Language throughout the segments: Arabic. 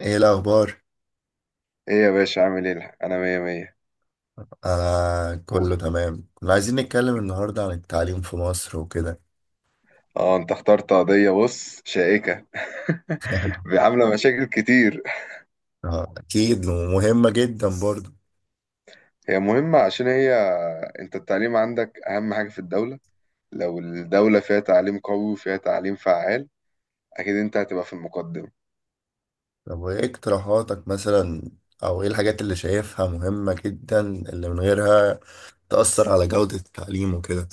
ايه الاخبار؟ ايه يا باشا عامل ايه؟ انا مية مية. انا كله تمام. كنا عايزين نتكلم النهارده عن التعليم في مصر وكده. اه انت اخترت قضية، بص، شائكة. عاملة مشاكل كتير. آه، اكيد ومهمه جدا برضه. هي مهمة عشان هي، انت التعليم عندك اهم حاجة في الدولة. لو الدولة فيها تعليم قوي وفيها تعليم فعال، اكيد انت هتبقى في المقدم. طب وايه اقتراحاتك مثلا، او ايه الحاجات اللي شايفها مهمه جدا اللي من غيرها تأثر على جوده التعليم وكده؟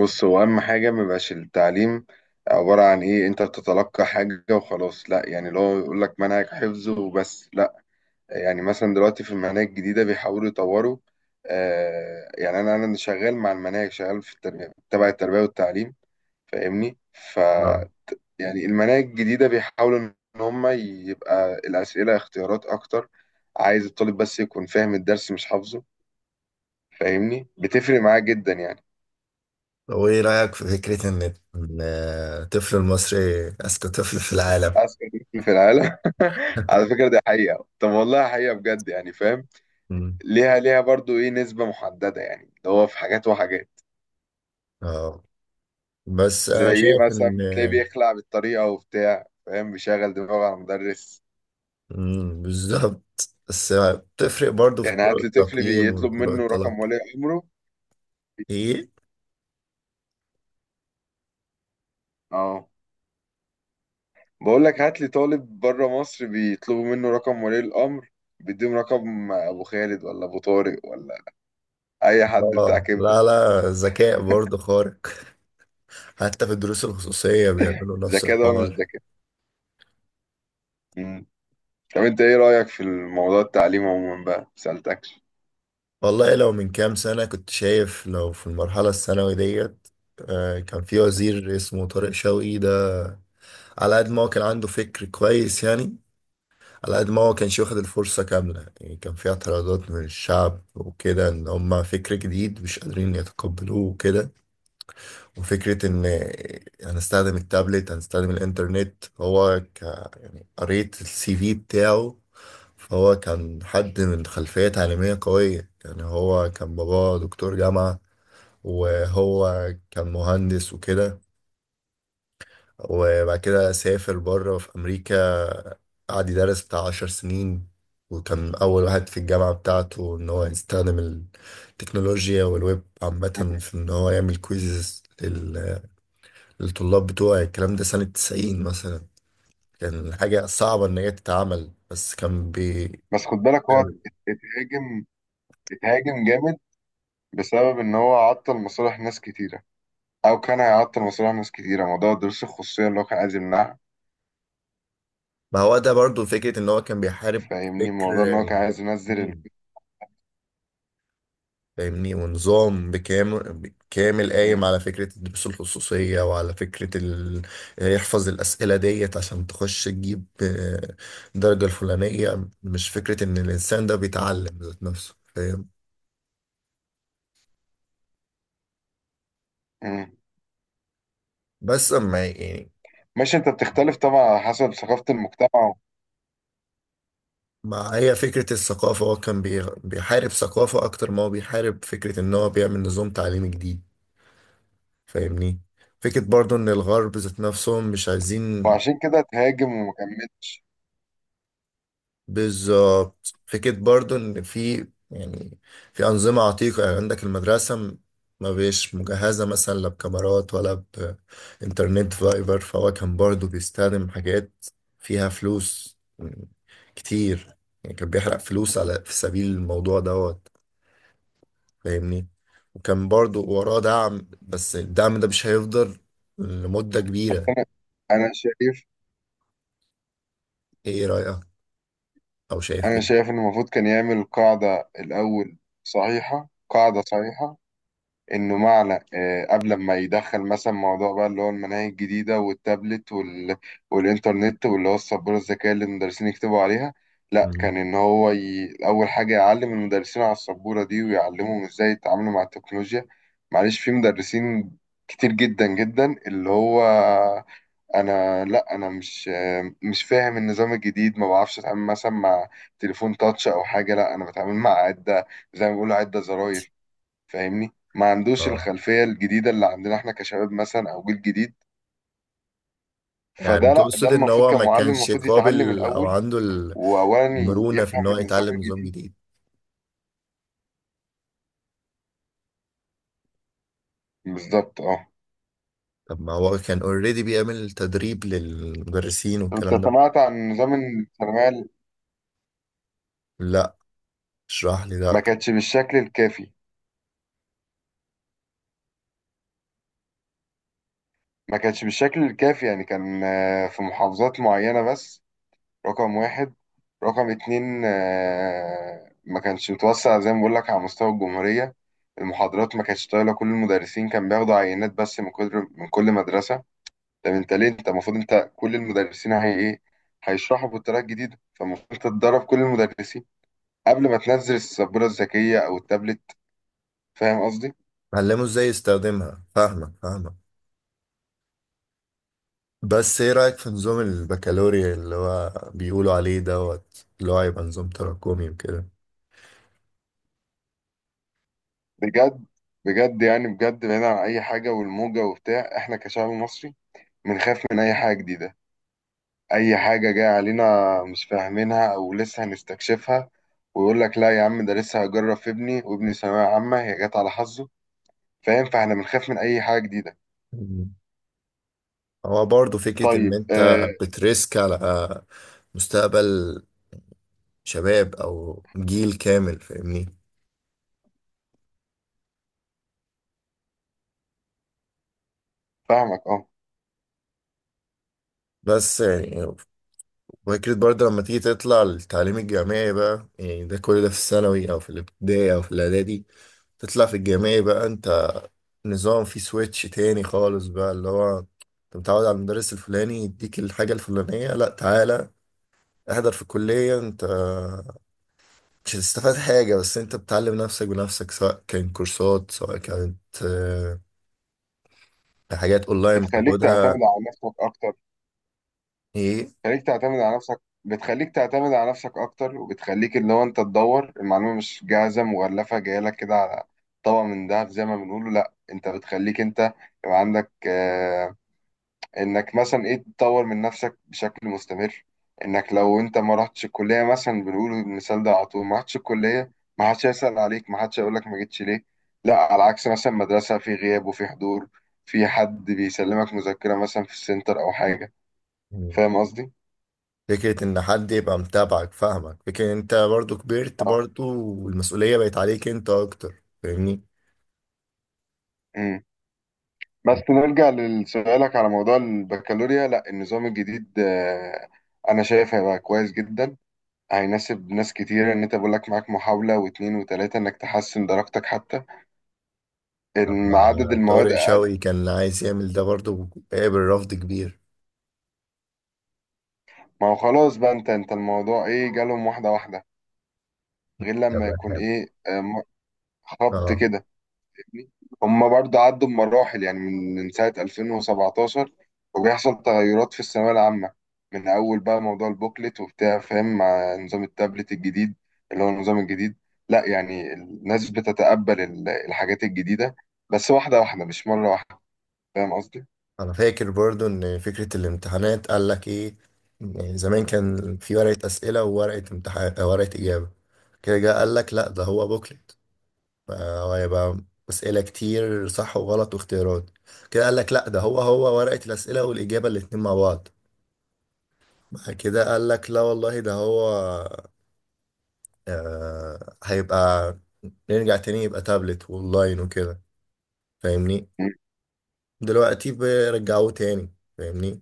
بص، هو اهم حاجة ميبقاش التعليم عبارة عن ايه، انت بتتلقى حاجة وخلاص، لا يعني اللي هو يقولك منهج حفظ وبس، لا. يعني مثلا دلوقتي في المناهج الجديدة بيحاولوا يطوروا. آه، يعني أنا شغال مع المناهج، شغال في التربية، تبع التربية والتعليم، فاهمني؟ ف آه. يعني المناهج الجديدة بيحاولوا إن هم يبقى الأسئلة اختيارات أكتر. عايز الطالب بس يكون فاهم الدرس، مش حافظه، فاهمني؟ بتفرق معاه جدا يعني. طب وايه رايك في فكره إن الطفل المصري اذكى طفل في العالم؟ أذكى طفل في العالم؟ على فكرة دي حقيقة، طب والله حقيقة بجد، يعني فاهم، مم. ليها برضو إيه نسبة محددة، يعني اللي هو في حاجات وحاجات. اه، بس زي انا ايه شايف مثلا؟ ان... بتلاقيه بيخلع بالطريقة وبتاع، فاهم؟ بيشغل دماغه على المدرس. بالظبط، بس بتفرق برضو في يعني طرق هات لي طفل التقييم بيطلب وطرق منه الطلب. رقم ولي أمره. ايه. اه، بقول لك هات لي طالب بره مصر بيطلبوا منه رقم ولي الأمر، بيديهم رقم أبو خالد ولا أبو طارق ولا أي حد بتاع اه، كبدة. لا لا، ذكاء برضو خارق، حتى في الدروس الخصوصية بيعملوا نفس ذكاء ده ولا مش الحوار. ذكاء؟ مم. طب أنت إيه رأيك في الموضوع، التعليم عموما بقى؟ ما سألتكش. والله لو من كام سنة كنت شايف لو في المرحلة الثانوي ديت، كان في وزير اسمه طارق شوقي ده، على قد ما هو كان عنده فكر كويس يعني، على قد ما هو كانش واخد الفرصة كاملة. يعني كان في اعتراضات من الشعب وكده، ان هما فكر جديد مش قادرين يتقبلوه وكده. وفكرة إن هنستخدم التابلت، هنستخدم الإنترنت. هو ك يعني قريت السي في بتاعه، فهو كان حد من خلفية تعليمية قوية. يعني هو كان باباه دكتور جامعة، وهو كان مهندس وكده، وبعد كده سافر بره في أمريكا، قعد يدرس بتاع عشر سنين، وكان أول واحد في الجامعة بتاعته إن هو يستخدم التكنولوجيا والويب عامة في إن هو يعمل كويزز الطلاب بتوعي. الكلام ده سنة 90 مثلا، كان حاجة صعبة إن هي تتعمل، بس كان بس خد بالك، هو اتهاجم، اتهاجم جامد بسبب إن هو عطل مصالح ناس كتيرة، او كان هيعطل مشروع ناس كتيره. موضوع دروس الخصوصيه اللي هو كان عايز يمنعها، ما هو ده برضو فكرة إن هو كان بيحارب فاهمني؟ فكر موضوع ان هو كان عايز ينزل ال... مين. فاهمني، ونظام بكامل كامل قايم مم. على فكرة الدروس الخصوصية وعلى فكرة يحفظ الأسئلة ديت عشان تخش تجيب درجة الفلانية، مش فكرة إن الإنسان ده بيتعلم ذات نفسه، فاهم. مم. بس أما يعني، ماشي، انت بتختلف طبعا على حسب ثقافه المجتمع. ما هي فكرة الثقافة، هو كان بيحارب ثقافة أكتر ما هو بيحارب فكرة إن هو بيعمل نظام تعليمي جديد. فاهمني، فكرة برضو إن الغرب ذات نفسهم مش عايزين. وعشان كده تهاجم وما كملش. بالظبط، فكرة برضو إن في، يعني، في أنظمة عتيقة. يعني عندك المدرسة ما بيش مجهزة مثلا، لا بكاميرات ولا بإنترنت فايبر. فهو كان برضو بيستخدم حاجات فيها فلوس كتير. يعني كان بيحرق فلوس على، في سبيل الموضوع دوت، فاهمني. وكان برضو وراه دعم، بس الدعم ده مش هيفضل لمدة كبيرة. انا شايف، ايه رأيك، او شايف انا ايه؟ شايف ان المفروض كان يعمل قاعده الاول، صحيحه، قاعده صحيحه، انه معنى آه، قبل ما يدخل مثلا موضوع بقى اللي هو المناهج الجديده والتابلت وال... والانترنت واللي هو السبوره الذكيه اللي المدرسين يكتبوا عليها. لا، مم. كان ان هو اول حاجه يعلم المدرسين على السبوره دي ويعلمهم ازاي يتعاملوا مع التكنولوجيا. معلش، في مدرسين كتير جدا جدا اللي هو، انا لا، انا مش آه، مش فاهم النظام الجديد، ما بعرفش اتعامل مثلا مع تليفون تاتش او حاجه، لا انا بتعامل مع عده، زي ما بيقولوا عده زراير، فاهمني؟ ما عندوش اه. الخلفية الجديدة اللي عندنا احنا كشباب مثلا او جيل جديد. يعني فده لا، ده تقصد ان المفروض هو ما كمعلم كانش المفروض يتعلم قابل او الاول، عنده واولا المرونة في ان يفهم هو النظام يتعلم نظام الجديد. جديد. بالظبط، اه. طب ما هو كان اوريدي بيعمل تدريب للمدرسين انت والكلام ده. سمعت عن نظام الثانوية ال-؟ لا. اشرح لي ده ما اكتر. كانش بالشكل الكافي، ما كانش بالشكل الكافي، يعني كان آه، في محافظات معينة بس. رقم واحد. رقم اتنين، آه، ما كانش متوسع زي ما بقول لك على مستوى الجمهورية. المحاضرات ما كانتش طايلة، كل المدرسين كان بياخدوا عينات بس كل من مدرسة. طب انت ليه؟ انت المفروض انت كل المدرسين هي ايه، هيشرحوا بالطريقه الجديده، فالمفروض انت تدرب كل المدرسين قبل ما تنزل السبوره الذكيه او التابلت. فاهم قصدي؟ علمه ازاي يستخدمها. فاهمك فاهمك. بس ايه رأيك في نظام البكالوريا اللي هو بيقولوا عليه دوت، اللي هو هيبقى نظام تراكمي وكده؟ بجد، بجد يعني، بجد بعيد عن اي حاجه والموجه وبتاع، احنا كشعب مصري بنخاف من اي حاجه جديده، اي حاجه جايه علينا مش فاهمينها او لسه هنستكشفها، ويقول لك لا يا عم ده لسه هجرب في ابني، وابني ثانويه عامه، هي جت على حظه. فاهم؟ فاحنا بنخاف من اي حاجه جديده. هو برضه فكرة إن طيب أنت آه. بتريسك على مستقبل شباب أو جيل كامل، فاهمني. فاهمك، اه. بس يعني فكرة برضه لما تيجي تطلع للتعليم الجامعي بقى، يعني ده كل ده في الثانوي أو في الابتدائي أو في الإعدادي. تطلع في الجامعي بقى أنت نظام فيه سويتش تاني خالص بقى. اللي هو أنت متعود على المدرس الفلاني يديك الحاجة الفلانية، لأ، تعالى احضر في الكلية. أنت مش هتستفاد حاجة، بس انت بتعلم نفسك بنفسك، سواء كان كورسات، سواء كانت آه، حاجات اونلاين بتخليك تعتمد بتاخدها. على نفسك اكتر، ايه. بتخليك تعتمد على نفسك، بتخليك تعتمد على نفسك اكتر، وبتخليك اللي هو انت تدور المعلومه، مش جاهزه مغلفه جايه لك كده على طبق من دهب زي ما بنقوله، لا انت بتخليك انت، يبقى عندك آه انك مثلا ايه تطور من نفسك بشكل مستمر، انك لو انت ما رحتش الكليه مثلا، بنقول المثال ده على طول، ما رحتش الكليه ما حدش هيسال عليك، ما حدش هيقول لك ما جيتش ليه. لا على عكس مثلا مدرسه، في غياب وفي حضور، في حد بيسلمك مذكره مثلا في السنتر او حاجه. يعني فاهم قصدي؟ فكرة ان حد يبقى متابعك، فاهمك. فكرة ان انت برضو كبرت اه. برضو، والمسؤولية بقت عليك انت اكتر، فاهمني. امم. بس نرجع لسؤالك على موضوع البكالوريا، لا النظام الجديد آه، انا شايف هيبقى كويس جدا، هيناسب ناس كتير، ان انت بقول لك معاك محاولة واتنين وتلاتة انك تحسن درجتك، حتى طب ان عدد المواد طارق اقل. شوقي كان عايز يعمل ده برضو قابل رفض كبير. ما هو خلاص بقى، انت الموضوع ايه؟ جالهم واحدة واحدة، غير لما يكون طب. ايه آه، م- خبط اه. كده. هم برضه عدوا بمراحل يعني، من سنة 2017 وبيحصل تغيرات في الثانوية العامة، من أول بقى موضوع البوكلت وبتاع، فاهم؟ مع نظام التابلت الجديد اللي هو النظام الجديد، لا يعني الناس بتتقبل ال- الحاجات الجديدة، بس واحدة واحدة مش مرة واحدة. فاهم قصدي؟ انا فاكر برضو ان فكرة الامتحانات قال لك ايه، إن زمان كان في ورقة اسئلة وورقة امتحان، ورقة اجابة. كده جه قال لك لا ده هو بوكلت، هو هيبقى اسئلة كتير صح وغلط واختيارات. كده قال لك لا ده هو ورقة الاسئلة والاجابة الاتنين مع بعض. بعد كده قال لك لا والله ده هو، هيبقى نرجع تاني، يبقى تابلت واونلاين وكده. فاهمني. دلوقتي بيرجعوه تاني. فاهمني.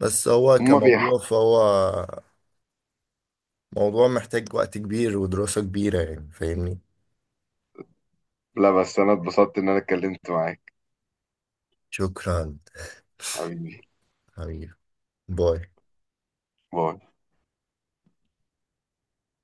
بس هو هم بيح- كموضوع، فهو موضوع محتاج وقت كبير ودراسة كبيرة، يعني. فاهمني. لا بس أنا اتبسطت إن أنا اتكلمت معاك. شكرا. حبيبي. حبيبي. باي. باي.